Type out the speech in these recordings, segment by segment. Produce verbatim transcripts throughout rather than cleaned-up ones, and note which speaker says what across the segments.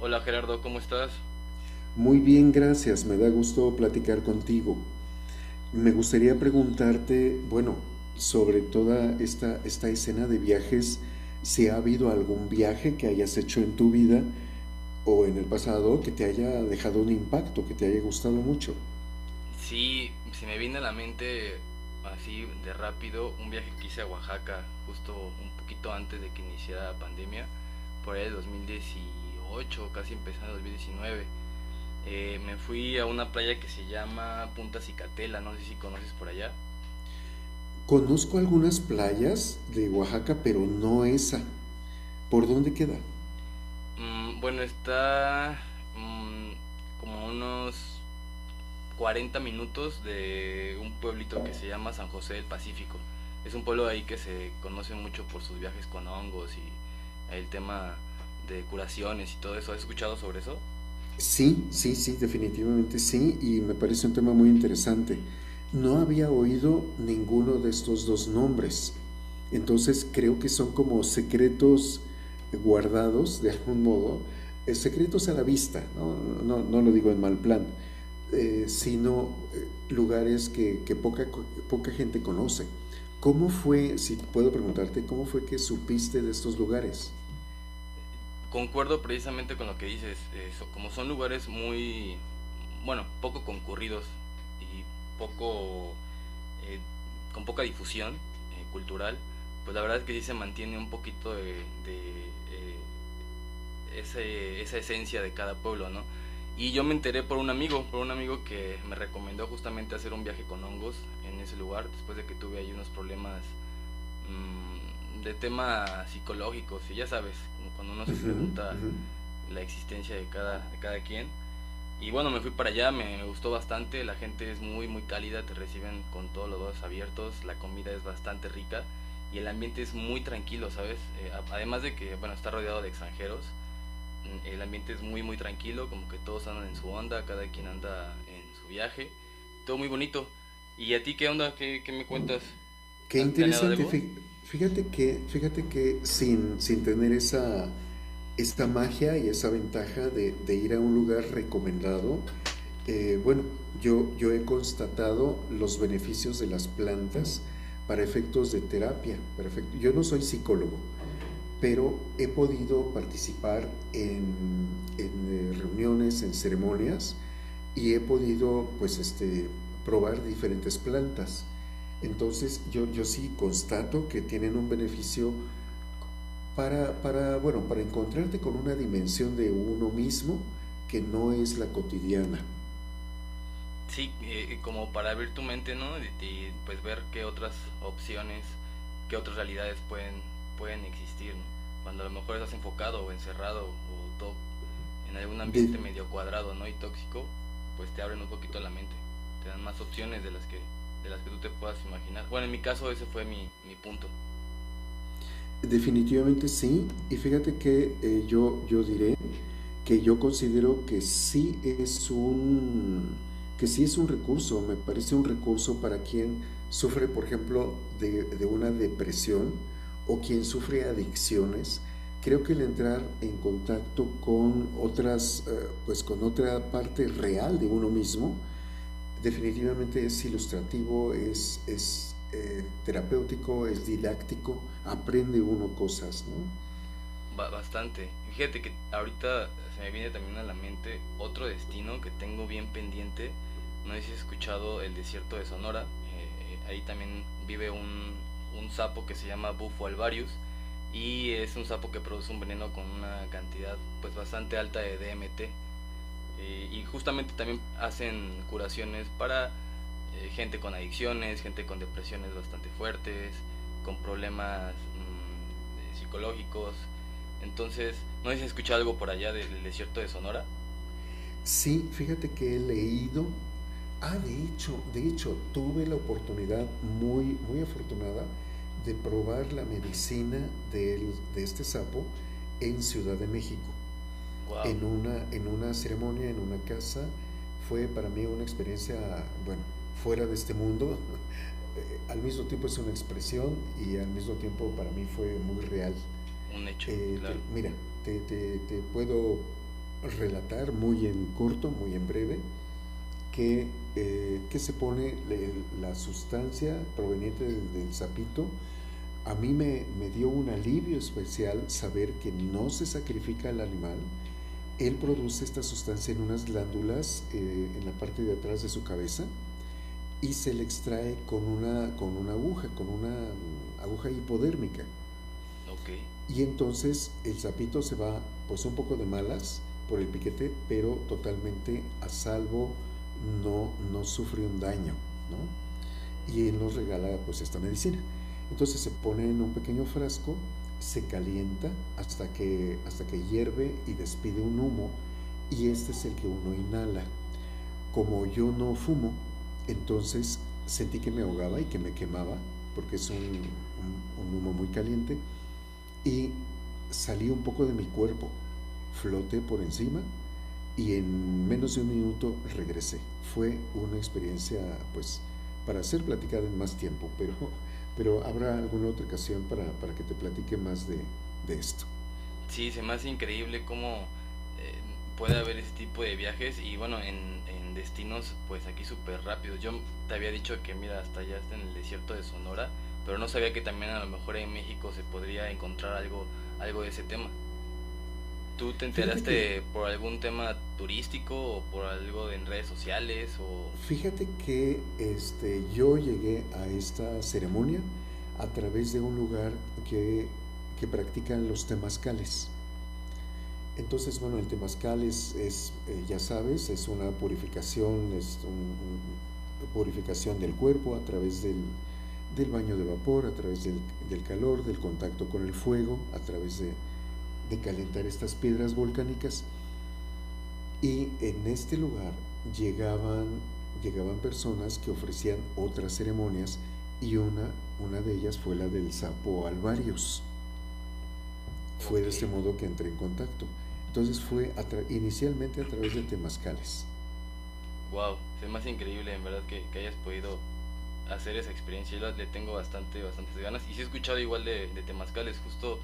Speaker 1: Hola Gerardo, ¿cómo estás?
Speaker 2: Muy bien, gracias. Me da gusto platicar contigo. Me gustaría preguntarte, bueno, sobre toda esta, esta escena de viajes, si ha habido algún viaje que hayas hecho en tu vida o en el pasado que te haya dejado un impacto, que te haya gustado mucho.
Speaker 1: Sí, se me viene a la mente así de rápido un viaje que hice a Oaxaca justo un poquito antes de que iniciara la pandemia, por ahí de dos mil dieciocho, casi empezando dos mil diecinueve. Eh, me fui a una playa que se llama Punta Cicatela, no sé si conoces por allá.
Speaker 2: Conozco algunas playas de Oaxaca, pero no esa. ¿Por dónde queda?
Speaker 1: Mm, bueno, está mm, como a unos cuarenta minutos de un pueblito que se llama San José del Pacífico. Es un pueblo de ahí que se conoce mucho por sus viajes con hongos y el tema de curaciones y todo eso. ¿Has escuchado sobre eso?
Speaker 2: Sí, sí, sí, definitivamente sí, y me parece un tema muy interesante. No había oído ninguno de estos dos nombres, entonces creo que son como secretos guardados de algún modo, eh, secretos a la vista, ¿no? No, no lo digo en mal plan, eh, sino eh, lugares que, que poca, co- poca gente conoce. ¿Cómo fue, si puedo preguntarte, cómo fue que supiste de estos lugares?
Speaker 1: Concuerdo precisamente con lo que dices. Eso, como son lugares muy, bueno, poco concurridos y poco, eh, con poca difusión eh, cultural, pues la verdad es que sí se mantiene un poquito de, de eh, ese, esa esencia de cada pueblo, ¿no? Y yo me enteré por un amigo, por un amigo que me recomendó justamente hacer un viaje con hongos en ese lugar, después de que tuve ahí unos problemas mmm, de tema psicológicos, y ya sabes, cuando uno se
Speaker 2: Ujú,
Speaker 1: pregunta
Speaker 2: ujú.
Speaker 1: la existencia de cada, de cada quien. Y bueno, me fui para allá, me, me gustó bastante, la gente es muy, muy cálida, te reciben con todos los dos abiertos, la comida es bastante rica y el ambiente es muy tranquilo, ¿sabes? Eh, además de que, bueno, está rodeado de extranjeros, mm, el ambiente es muy, muy tranquilo, como que todos andan en su onda, cada quien anda en su viaje, todo muy bonito. ¿Y a ti qué onda? ¿Qué, qué me cuentas?
Speaker 2: Qué
Speaker 1: ¿Has planeado
Speaker 2: interesante.
Speaker 1: algo?
Speaker 2: Fí- Fíjate que, fíjate que sin, sin tener esa, esa magia y esa ventaja de, de ir a un lugar recomendado, eh, bueno, yo, yo he constatado los beneficios de las plantas para efectos de terapia. Perfecto. Yo no soy psicólogo, pero he podido participar en, en eh, reuniones, en ceremonias y he podido pues este, probar diferentes plantas. Entonces yo, yo sí constato que tienen un beneficio para, para, bueno, para encontrarte con una dimensión de uno mismo que no es la cotidiana.
Speaker 1: Sí, eh, como para abrir tu mente, ¿no? Y, y, pues ver qué otras opciones, qué otras realidades pueden, pueden existir, ¿no? Cuando a lo mejor estás enfocado o encerrado o todo en algún
Speaker 2: De,
Speaker 1: ambiente medio cuadrado, ¿no? Y tóxico, pues te abren un poquito la mente, te dan más opciones de las que, de las que tú te puedas imaginar. Bueno, en mi caso ese fue mi, mi punto.
Speaker 2: definitivamente sí, y fíjate que eh, yo, yo diré que yo considero que sí es un, que sí es un recurso, me parece un recurso para quien sufre, por ejemplo, de, de una depresión o quien sufre adicciones. Creo que el entrar en contacto con otras, eh, pues con otra parte real de uno mismo, definitivamente es ilustrativo, es, es eh, terapéutico, es didáctico, aprende uno cosas, ¿no?
Speaker 1: Bastante. Fíjate que ahorita se me viene también a la mente otro destino que tengo bien pendiente. No sé si has escuchado el desierto de Sonora. Eh, ahí también vive un, un sapo que se llama Bufo alvarius y es un sapo que produce un veneno con una cantidad pues bastante alta de D M T. Eh, y justamente también hacen curaciones para eh, gente con adicciones, gente con depresiones bastante fuertes, con problemas mm, eh, psicológicos. Entonces, no sé si has escuchado algo por allá del desierto de Sonora.
Speaker 2: Sí, fíjate que he leído. Ah, de hecho, de hecho, tuve la oportunidad muy, muy afortunada de probar la medicina del- de este sapo en Ciudad de México,
Speaker 1: Wow,
Speaker 2: en una, en una ceremonia, en una casa. Fue para mí una experiencia, bueno, fuera de este mundo. Eh, Al mismo tiempo es una expresión y al mismo tiempo para mí fue muy real.
Speaker 1: un hecho,
Speaker 2: Eh,
Speaker 1: claro.
Speaker 2: te- mira, te, te- te puedo relatar muy en corto, muy en breve, que, eh, que se pone le- la sustancia proveniente del, del sapito. A mí me, me dio un alivio especial saber que no se sacrifica el animal. Él
Speaker 1: Ujú.
Speaker 2: produce esta sustancia en unas glándulas eh, en la parte de atrás de su cabeza y se le extrae con una, con una aguja, con una mm, aguja hipodérmica.
Speaker 1: Ok.
Speaker 2: Y entonces el sapito se va pues un poco de malas por el piquete, pero totalmente a salvo, no, no sufre un daño, ¿no? Y él nos regala pues esta medicina. Entonces se pone en un pequeño frasco, se calienta hasta que, hasta que hierve y despide un humo, y este es el que uno inhala. Como yo no fumo, entonces sentí que me ahogaba y que me quemaba, porque es un, un, un humo muy caliente, y salí un poco de mi cuerpo, floté por encima y en menos de un minuto regresé. Fue una experiencia, pues, para hacer platicar en más tiempo, pero, pero habrá alguna otra ocasión para, para que te platique más de, de esto.
Speaker 1: Sí, se me hace increíble cómo eh, puede haber ese tipo de viajes y bueno, en, en destinos pues aquí súper rápidos. Yo te había dicho que mira, hasta allá está en el desierto de Sonora, pero no sabía que también a lo mejor en México se podría encontrar algo, algo de ese tema. ¿Tú te
Speaker 2: Fíjate que,
Speaker 1: enteraste por algún tema turístico o por algo en redes sociales o...?
Speaker 2: fíjate que este, yo llegué a esta ceremonia a través de un lugar que, que practican los temazcales. Entonces, bueno, el temazcal es, es eh, ya sabes, es una purificación, es una un, purificación del cuerpo a través del, del baño de vapor, a través del, del, calor, del contacto con el fuego, a través de, de calentar estas piedras volcánicas. Y en este lugar llegaban, llegaban personas que ofrecían otras ceremonias y una, una de ellas fue la del sapo Alvarius. Fue
Speaker 1: Ok,
Speaker 2: de este modo que entré en contacto. Entonces fue a tra- inicialmente a través de temazcales.
Speaker 1: wow, se más increíble en verdad que, que hayas podido hacer esa experiencia. Yo la- le tengo bastante, bastantes ganas. Y sí he escuchado igual de, de temazcales, justo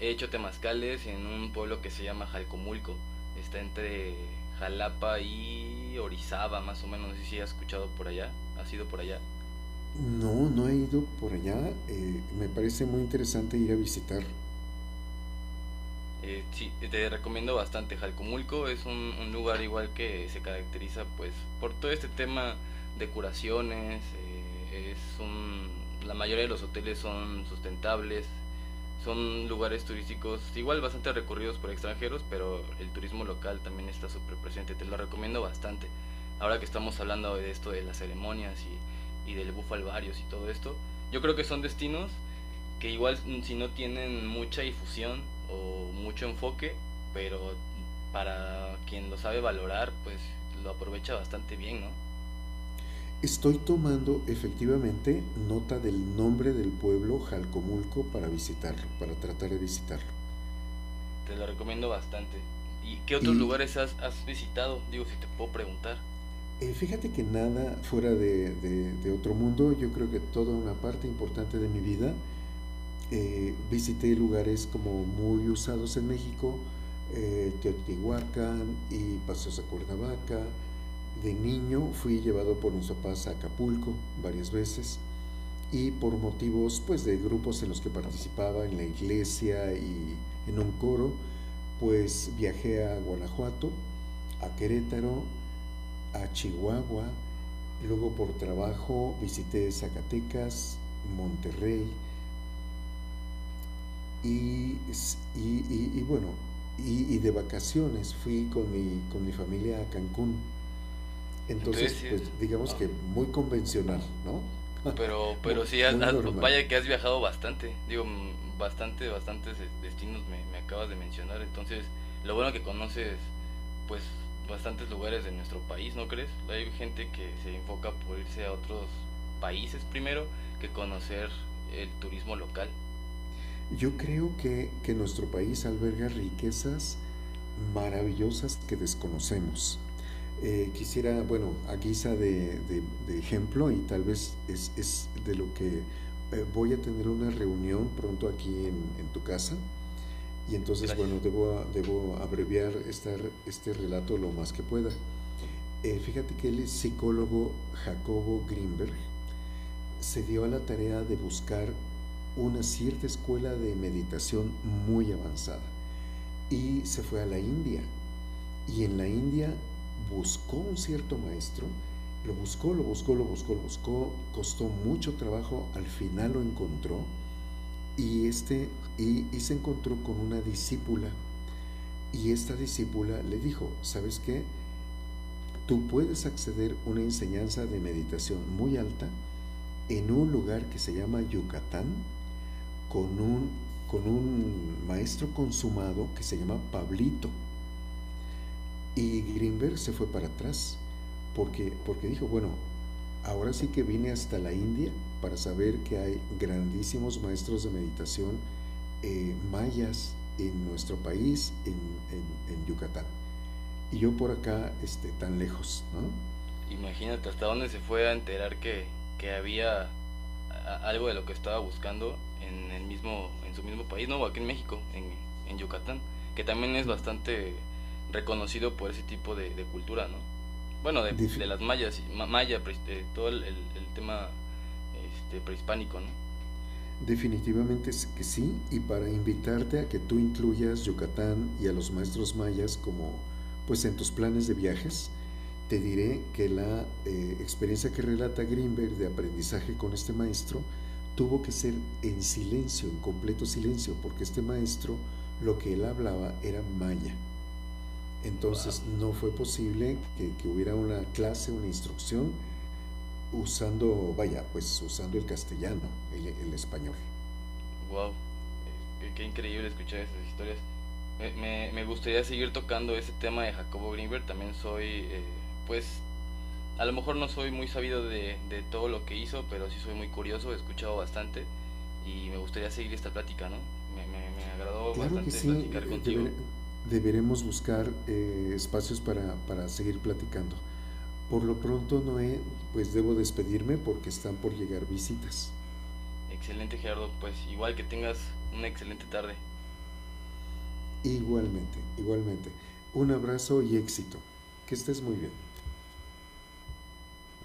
Speaker 1: he hecho temazcales en un pueblo que se llama Jalcomulco. Está entre Jalapa y Orizaba, más o menos. No sé si has escuchado por allá, has ido por allá.
Speaker 2: No, no he ido por allá. Eh, me parece muy interesante ir a visitar.
Speaker 1: Eh, sí, te recomiendo bastante Jalcomulco, es un, un lugar igual que se caracteriza pues por todo este tema de curaciones, eh, es un, la mayoría de los hoteles son sustentables, son lugares turísticos igual bastante recurridos por extranjeros, pero el turismo local también está súper presente, te lo recomiendo bastante. Ahora que estamos hablando de esto, de las ceremonias y, y del bufalvarios y todo esto, yo creo que son destinos que igual si no tienen mucha difusión o mucho enfoque, pero para quien lo sabe valorar, pues lo aprovecha bastante bien, ¿no?
Speaker 2: Estoy tomando efectivamente nota del nombre del pueblo Jalcomulco para visitarlo, para tratar de visitarlo.
Speaker 1: Te lo recomiendo bastante. ¿Y qué otros
Speaker 2: Y
Speaker 1: lugares has, has visitado? Digo, si te puedo preguntar.
Speaker 2: eh, Fíjate que nada fuera de, de, de otro mundo, yo creo que toda una parte importante de mi vida eh, visité lugares como muy usados en México, eh, Teotihuacán y paseos a Cuernavaca. De niño fui llevado por mis papás a Acapulco varias veces y por motivos pues de grupos en los que participaba en la iglesia y en un coro, pues viajé a Guanajuato, a Querétaro, a Chihuahua, luego por trabajo visité Zacatecas, Monterrey, Y, y, y, y bueno, y, y de vacaciones fui con mi, con mi familia a Cancún.
Speaker 1: Entonces,
Speaker 2: Entonces,
Speaker 1: sí.
Speaker 2: pues digamos
Speaker 1: Ah.
Speaker 2: que muy convencional, ¿no?
Speaker 1: Pero,
Speaker 2: Muy,
Speaker 1: pero sí, has-
Speaker 2: muy
Speaker 1: has-
Speaker 2: normal.
Speaker 1: vaya que has viajado bastante. Digo, mm, bastante, bastantes eh, destinos me, me acabas de mencionar. Entonces, lo bueno que conoces, pues, bastantes lugares de nuestro país, ¿no crees? Hay gente que se enfoca por irse a otros países primero que conocer el turismo local.
Speaker 2: Yo creo que, que nuestro país alberga riquezas maravillosas que desconocemos. Eh, quisiera, bueno, a guisa de, de, de ejemplo, y tal vez es, es de lo que eh, voy a tener una reunión pronto aquí en, en tu casa. Y entonces,
Speaker 1: Gracias.
Speaker 2: bueno, debo, debo abreviar esta, este relato lo más que pueda. Eh, fíjate que el psicólogo Jacobo Greenberg se dio a la tarea de buscar una cierta escuela de meditación muy avanzada y se fue a la India. Y en la India buscó un cierto maestro, lo buscó, lo buscó, lo buscó, lo buscó, costó mucho trabajo, al final lo encontró y, este, y, y se encontró con una discípula. Y esta discípula le dijo, ¿sabes qué? Tú puedes acceder a una enseñanza de meditación muy alta en un lugar que se llama Yucatán con un, con un maestro consumado que se llama Pablito. Y Greenberg se fue para atrás porque, porque dijo, bueno, ahora sí que vine hasta la India para saber que hay grandísimos maestros de meditación eh, mayas en nuestro país, en, en, en Yucatán. Y yo por acá este, tan lejos, ¿no?
Speaker 1: Imagínate hasta dónde se fue a enterar que, que había a- algo de lo que estaba buscando en el mismo en su mismo país, no, aquí en México, en, en Yucatán, que también es bastante reconocido por ese tipo de, de cultura, ¿no? Bueno, de, de
Speaker 2: Defi-
Speaker 1: las mayas, maya, de todo el, el- el tema este, prehispánico, ¿no?
Speaker 2: Definitivamente es que sí, y para invitarte a que tú incluyas Yucatán y a los maestros mayas como, pues en tus planes de viajes, te diré que la eh, experiencia que relata Greenberg de aprendizaje con este maestro tuvo que ser en silencio, en completo silencio, porque este maestro lo que él hablaba era maya.
Speaker 1: Wow,
Speaker 2: Entonces no fue posible que, que hubiera una clase, una instrucción, usando, vaya, pues usando el castellano, el, el español.
Speaker 1: wow, qué, qué increíble escuchar esas historias. Me, me- me gustaría seguir tocando ese tema de Jacobo Grinberg también soy, eh, pues, a lo mejor no soy muy sabido de, de todo lo que hizo, pero sí soy muy curioso, he escuchado bastante y me gustaría seguir esta plática, ¿no? Me, me, me agradó
Speaker 2: Claro que
Speaker 1: bastante
Speaker 2: sí,
Speaker 1: platicar
Speaker 2: eh,
Speaker 1: contigo.
Speaker 2: deber- deberemos buscar eh, espacios para, para seguir platicando. Por lo pronto, Noé, pues debo despedirme porque están por llegar visitas.
Speaker 1: Excelente Gerardo, pues igual que tengas una excelente tarde.
Speaker 2: Igualmente, igualmente. Un abrazo y éxito. Que estés muy bien.